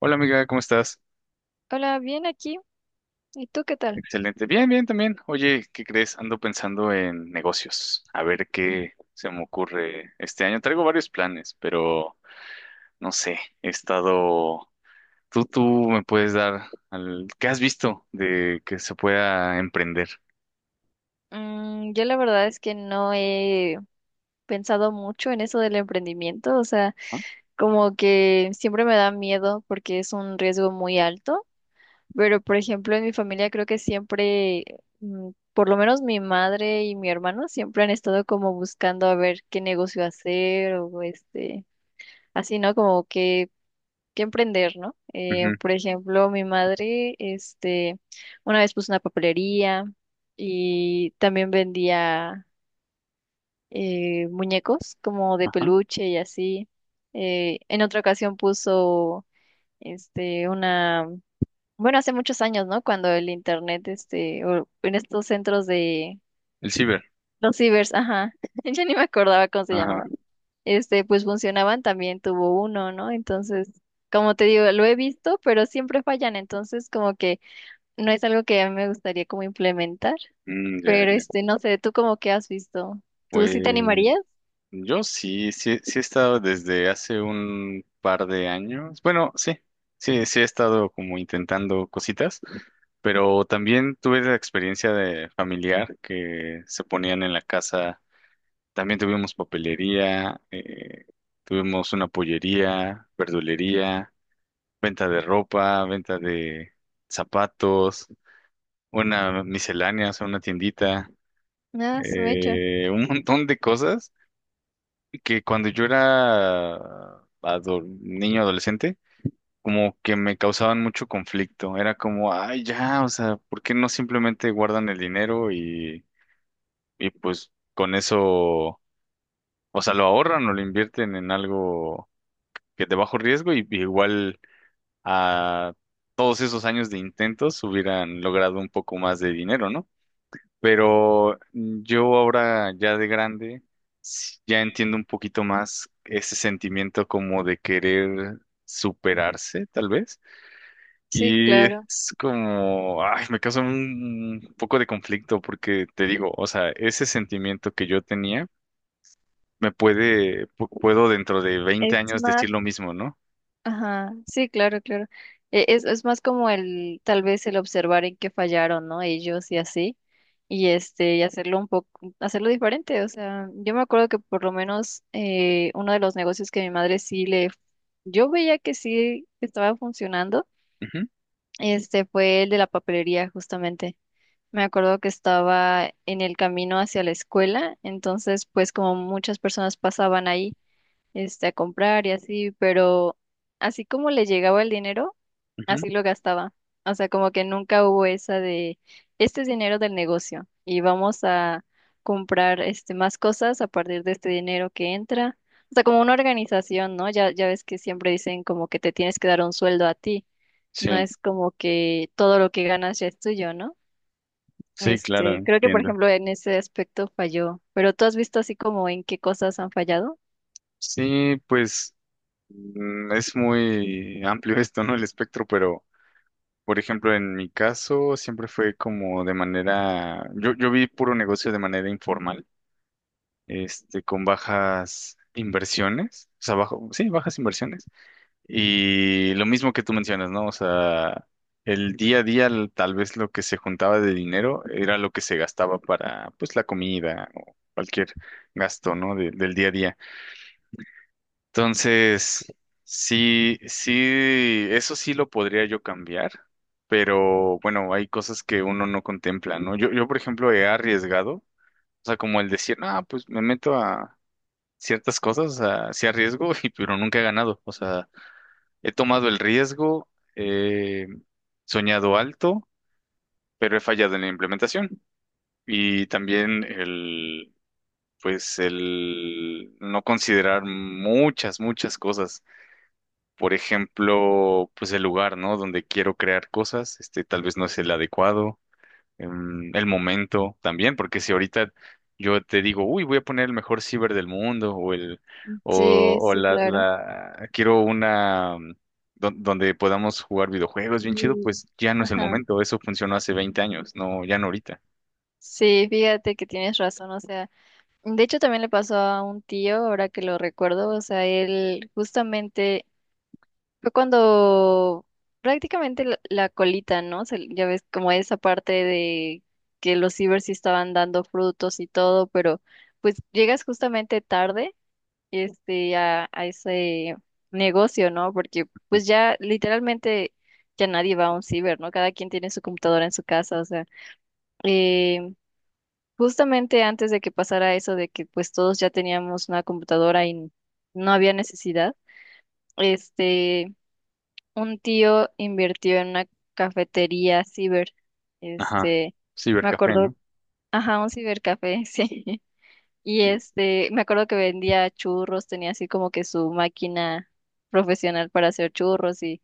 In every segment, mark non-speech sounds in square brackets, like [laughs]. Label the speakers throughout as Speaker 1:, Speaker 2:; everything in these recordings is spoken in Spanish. Speaker 1: Hola, amiga, ¿cómo estás?
Speaker 2: Hola, bien aquí. ¿Y tú qué tal?
Speaker 1: Excelente. Bien, bien también. Oye, ¿qué crees? Ando pensando en negocios. A ver qué se me ocurre este año. Traigo varios planes, pero no sé. He estado... Tú me puedes dar al... ¿Qué has visto de que se pueda emprender?
Speaker 2: Yo la verdad es que no he pensado mucho en eso del emprendimiento, o sea,
Speaker 1: Ah,
Speaker 2: como que siempre me da miedo porque es un riesgo muy alto, pero por ejemplo en mi familia creo que siempre, por lo menos mi madre y mi hermano siempre han estado como buscando a ver qué negocio hacer o así, ¿no? Como que emprender, ¿no?
Speaker 1: ujú.
Speaker 2: Por ejemplo, mi madre, una vez puso una papelería y también vendía muñecos como de
Speaker 1: Ajá.
Speaker 2: peluche y así. En otra ocasión puso, una, bueno, hace muchos años, ¿no? Cuando el internet, o en estos centros de
Speaker 1: El ciber.
Speaker 2: los cibers, ajá, [laughs] ya ni me acordaba cómo se
Speaker 1: Ajá.
Speaker 2: llamaba pues funcionaban, también tuvo uno, ¿no? Entonces, como te digo, lo he visto, pero siempre fallan, entonces como que no es algo que a mí me gustaría como implementar,
Speaker 1: Mm, ya,
Speaker 2: pero
Speaker 1: ya.
Speaker 2: no sé, ¿tú como que has visto? ¿Tú sí te
Speaker 1: Pues
Speaker 2: animarías?
Speaker 1: yo sí, sí, sí he estado desde hace un par de años. Bueno, sí, sí, sí he estado como intentando cositas. Pero también tuve la experiencia de familiar que se ponían en la casa. También tuvimos papelería, tuvimos una pollería, verdulería, venta de ropa, venta de zapatos, una miscelánea, o sea, una tiendita,
Speaker 2: Ah, su mecha.
Speaker 1: un montón de cosas que cuando yo era niño adolescente, como que me causaban mucho conflicto. Era como, ay, ya, o sea, ¿por qué no simplemente guardan el dinero y pues con eso, o sea, lo ahorran o lo invierten en algo que de bajo riesgo y igual a todos esos años de intentos hubieran logrado un poco más de dinero, ¿no? Pero yo ahora ya de grande sí, ya entiendo un poquito más ese sentimiento como de querer superarse, tal vez.
Speaker 2: Sí,
Speaker 1: Y
Speaker 2: claro.
Speaker 1: es como, ay, me causa un poco de conflicto porque te digo, o sea, ese sentimiento que yo tenía me puede, puedo dentro de 20
Speaker 2: Es
Speaker 1: años
Speaker 2: más.
Speaker 1: decir lo mismo, ¿no?
Speaker 2: Ajá, sí, claro, claro. Es más como el, tal vez el observar en qué fallaron, ¿no? Ellos y así. Y y hacerlo diferente. O sea, yo me acuerdo que por lo menos uno de los negocios que mi madre sí le, yo veía que sí estaba funcionando,
Speaker 1: Ujú,
Speaker 2: este fue el de la papelería, justamente. Me acuerdo que estaba en el camino hacia la escuela, entonces pues como muchas personas pasaban ahí a comprar y así, pero así como le llegaba el dinero,
Speaker 1: ujú.
Speaker 2: así lo gastaba. O sea, como que nunca hubo esa de, este es dinero del negocio y vamos a comprar más cosas a partir de este dinero que entra. O sea, como una organización, ¿no? Ya ves que siempre dicen como que te tienes que dar un sueldo a ti. No
Speaker 1: Sí,
Speaker 2: es como que todo lo que ganas ya es tuyo, ¿no?
Speaker 1: sí, claro,
Speaker 2: Creo que por
Speaker 1: entiendo.
Speaker 2: ejemplo en ese aspecto falló, pero ¿tú has visto así como en qué cosas han fallado?
Speaker 1: Sí, pues mm, es muy amplio esto, ¿no? El espectro, pero, por ejemplo, en mi caso siempre fue como de manera, yo vi puro negocio de manera informal, con bajas inversiones, o sea, bajo, sí, bajas inversiones. Y lo mismo que tú mencionas, ¿no? O sea, el día a día tal vez lo que se juntaba de dinero era lo que se gastaba para, pues, la comida o cualquier gasto, ¿no?, de- del día a día. Entonces, sí, sí, eso sí lo podría yo cambiar, pero bueno, hay cosas que uno no contempla, ¿no? Yo, por ejemplo, he arriesgado, o sea, como el decir, ah, pues me meto a ciertas cosas, o sea, sí arriesgo, [laughs] y, pero nunca he ganado, o sea. He tomado el riesgo, he soñado alto, pero he fallado en la implementación. Y también el, pues el no considerar muchas, muchas cosas. Por ejemplo, pues el lugar, ¿no? Donde quiero crear cosas, este tal vez no es el adecuado el momento también, porque si ahorita yo te digo, uy, voy a poner el mejor ciber del mundo o el
Speaker 2: Sí,
Speaker 1: o
Speaker 2: sí,
Speaker 1: la,
Speaker 2: claro.
Speaker 1: la quiero una mm, donde podamos jugar videojuegos bien chido,
Speaker 2: Y,
Speaker 1: pues ya no es el
Speaker 2: ajá.
Speaker 1: momento, eso funcionó hace 20 años, no, ya no ahorita.
Speaker 2: Sí, fíjate que tienes razón, o sea, de hecho también le pasó a un tío, ahora que lo recuerdo, o sea, él justamente fue cuando prácticamente la colita, ¿no? Ya ves como esa parte de que los cibers sí estaban dando frutos y todo, pero pues llegas justamente tarde, a ese negocio, ¿no? Porque
Speaker 1: ¿No?
Speaker 2: pues ya literalmente ya nadie va a un ciber, ¿no? Cada quien tiene su computadora en su casa, o sea. eh, Justamente antes de que pasara eso de que pues todos ya teníamos una computadora y no había necesidad, este, un tío invirtió en una cafetería ciber,
Speaker 1: Ajá,
Speaker 2: este, me
Speaker 1: cibercafé,
Speaker 2: acuerdo,
Speaker 1: ¿no?
Speaker 2: ajá, un cibercafé, [laughs] sí, y
Speaker 1: Sí.
Speaker 2: me acuerdo que vendía churros, tenía así como que su máquina profesional para hacer churros y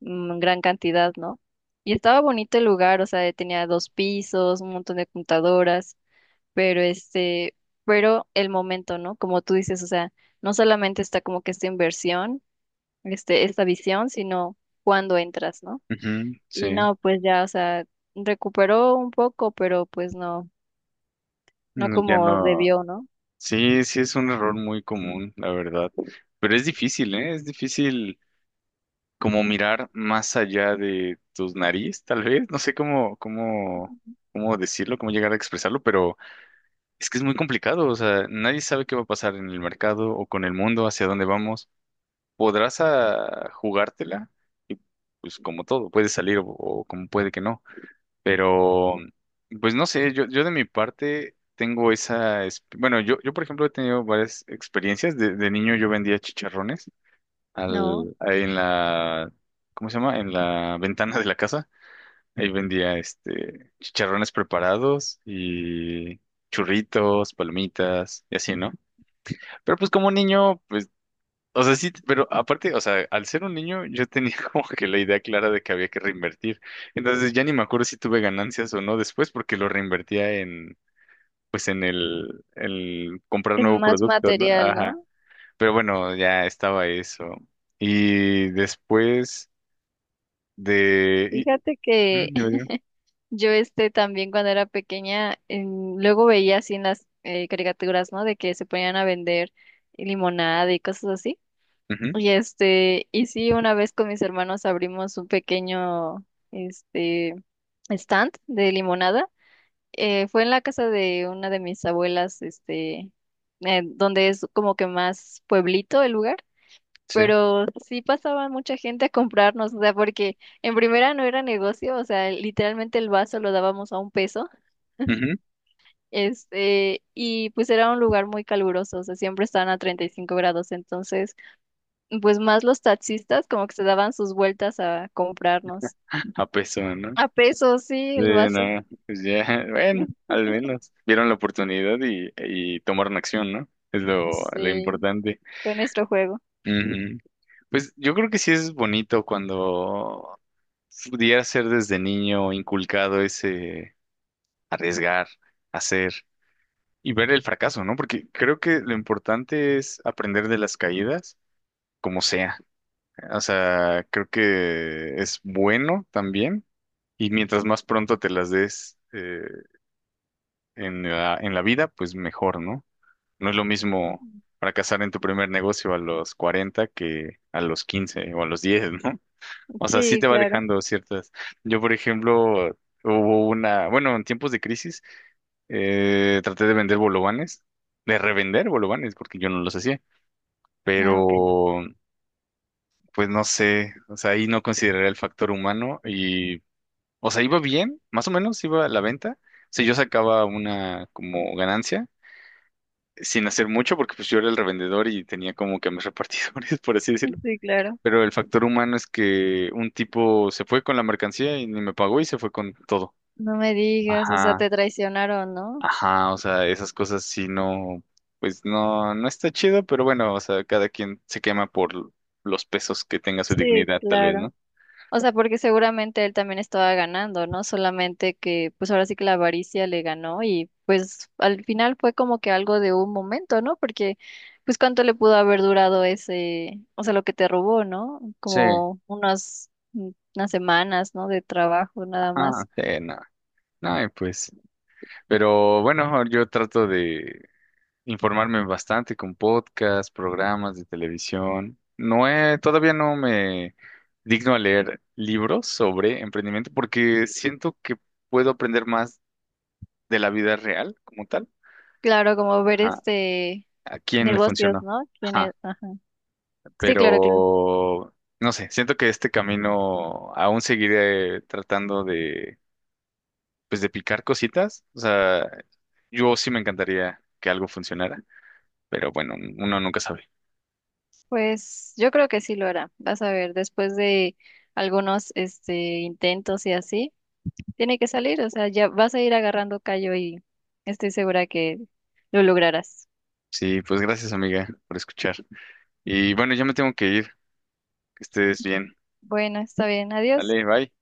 Speaker 2: gran cantidad, ¿no? Y estaba bonito el lugar, o sea, tenía dos pisos, un montón de computadoras pero pero el momento, ¿no? Como tú dices, o sea, no solamente está como que esta inversión, esta visión, sino cuando entras, ¿no?
Speaker 1: Ujú,
Speaker 2: Y
Speaker 1: sí.
Speaker 2: no, pues ya, o sea, recuperó un poco, pero pues no, no
Speaker 1: No, ya
Speaker 2: como
Speaker 1: no.
Speaker 2: debió, ¿no?
Speaker 1: Sí, sí es un error muy común, la verdad. Pero es difícil, ¿eh? Es difícil como mirar más allá de tus nariz, tal vez. No sé cómo, cómo, cómo decirlo, cómo llegar a expresarlo, pero es que es muy complicado. O sea, nadie sabe qué va a pasar en el mercado o con el mundo, hacia dónde vamos. Podrás ah, jugártela y pues como todo, puede salir o como puede que no. Pero, pues no sé, yo de mi parte tengo esa... Bueno, yo por ejemplo he tenido varias experiencias. De niño yo vendía chicharrones
Speaker 2: No,
Speaker 1: al, ahí en la, ¿cómo se llama? En la ventana de la casa. Ahí vendía este chicharrones preparados y churritos, palomitas y así, ¿no? Pero pues como niño, pues, o sea, sí, pero aparte, o sea, al ser un niño yo tenía [laughs] como que la idea clara de que había que reinvertir. Entonces ya ni me acuerdo si tuve ganancias o no después porque lo reinvertía en, pues en el comprar
Speaker 2: es
Speaker 1: nuevo
Speaker 2: más
Speaker 1: producto, ¿no?
Speaker 2: material,
Speaker 1: Ajá.
Speaker 2: ¿no?
Speaker 1: Pero bueno, ya estaba eso. Y después De...
Speaker 2: Fíjate que
Speaker 1: ujú, dime, dime.
Speaker 2: [laughs] yo también cuando era pequeña, luego veía así en las caricaturas, ¿no? De que se ponían a vender limonada y cosas así.
Speaker 1: Ujú,
Speaker 2: Y y sí, una vez con mis hermanos abrimos un pequeño, este, stand de limonada. Fue en la casa de una de mis abuelas, donde es como que más pueblito el lugar.
Speaker 1: sí.
Speaker 2: Pero sí pasaba mucha gente a comprarnos, o sea, porque en primera no era negocio, o sea, literalmente el vaso lo dábamos a un peso,
Speaker 1: Ujú.
Speaker 2: y pues era un lugar muy caluroso, o sea, siempre estaban a 35 grados, entonces pues más los taxistas como que se daban sus vueltas a comprarnos.
Speaker 1: A peso, ¿no?
Speaker 2: A pesos, sí, el
Speaker 1: De
Speaker 2: vaso.
Speaker 1: nada. Pues ya, [laughs] bueno,
Speaker 2: [laughs]
Speaker 1: al menos vieron la oportunidad y tomaron acción, ¿no? Es lo
Speaker 2: Sí,
Speaker 1: importante.
Speaker 2: fue nuestro juego.
Speaker 1: Ujú. Pues yo creo que sí es bonito cuando pudiera ser desde niño inculcado ese arriesgar, hacer y ver el fracaso, ¿no? Porque creo que lo importante es aprender de las caídas, como sea. O sea, creo que es bueno también. Y mientras más pronto te las des en la vida, pues mejor, ¿no? No es lo mismo fracasar en tu primer negocio a los 40 que a los 15 o a los 10, ¿no? O sea, sí
Speaker 2: Sí,
Speaker 1: te va
Speaker 2: claro.
Speaker 1: dejando ciertas. Yo, por ejemplo, hubo una, bueno, en tiempos de crisis, traté de vender bolovanes, de revender bolovanes, porque yo no los hacía,
Speaker 2: Ah, ok.
Speaker 1: pero pues no sé, o sea, ahí no consideré el factor humano y... O sea, iba bien, más o menos iba a la venta. O sea, yo sacaba una como ganancia sin hacer mucho porque pues yo era el revendedor y tenía como que a mis [laughs] repartidores, por así decirlo.
Speaker 2: Sí, claro.
Speaker 1: Pero el factor humano es que un tipo se fue con la mercancía y ni me pagó y se fue con todo.
Speaker 2: No me digas, o sea,
Speaker 1: Ajá,
Speaker 2: te traicionaron, ¿no?
Speaker 1: ajá, o sea, esas cosas sí no, pues no, no está chido, pero bueno, o sea, cada quien se quema por los pesos que tenga su
Speaker 2: Sí,
Speaker 1: dignidad, tal vez,
Speaker 2: claro.
Speaker 1: ¿no?
Speaker 2: O sea, porque seguramente él también estaba ganando, ¿no? Solamente que pues ahora sí que la avaricia le ganó y pues al final fue como que algo de un momento, ¿no? Porque pues cuánto le pudo haber durado ese, o sea, lo que te robó, ¿no?
Speaker 1: Sí,
Speaker 2: Como unas, unas semanas, ¿no? De trabajo nada
Speaker 1: ajá,
Speaker 2: más.
Speaker 1: sí, no. No, y pues, pero bueno, yo trato de informarme bastante con podcasts, programas de televisión. No he, todavía no me digno a leer libros sobre emprendimiento porque siento que puedo aprender más de la vida real como tal.
Speaker 2: Claro, como ver
Speaker 1: Ajá. ¿A quién le
Speaker 2: negocios,
Speaker 1: funcionó?
Speaker 2: ¿no? ¿Quién es?
Speaker 1: Ajá.
Speaker 2: Ajá. Sí, claro, claro.
Speaker 1: Pero no sé, siento que este camino aún seguiré tratando de, pues, de picar cositas. O sea, yo sí me encantaría que algo funcionara, pero bueno, uno nunca sabe.
Speaker 2: Pues yo creo que sí lo hará. Vas a ver, después de algunos intentos y así. Tiene que salir, o sea, ya vas a ir agarrando callo y estoy segura que lo lograrás.
Speaker 1: Sí, pues gracias, amiga, por escuchar. Y bueno, ya me tengo que ir. Que estés bien.
Speaker 2: Bueno, está bien, adiós.
Speaker 1: Dale, bye.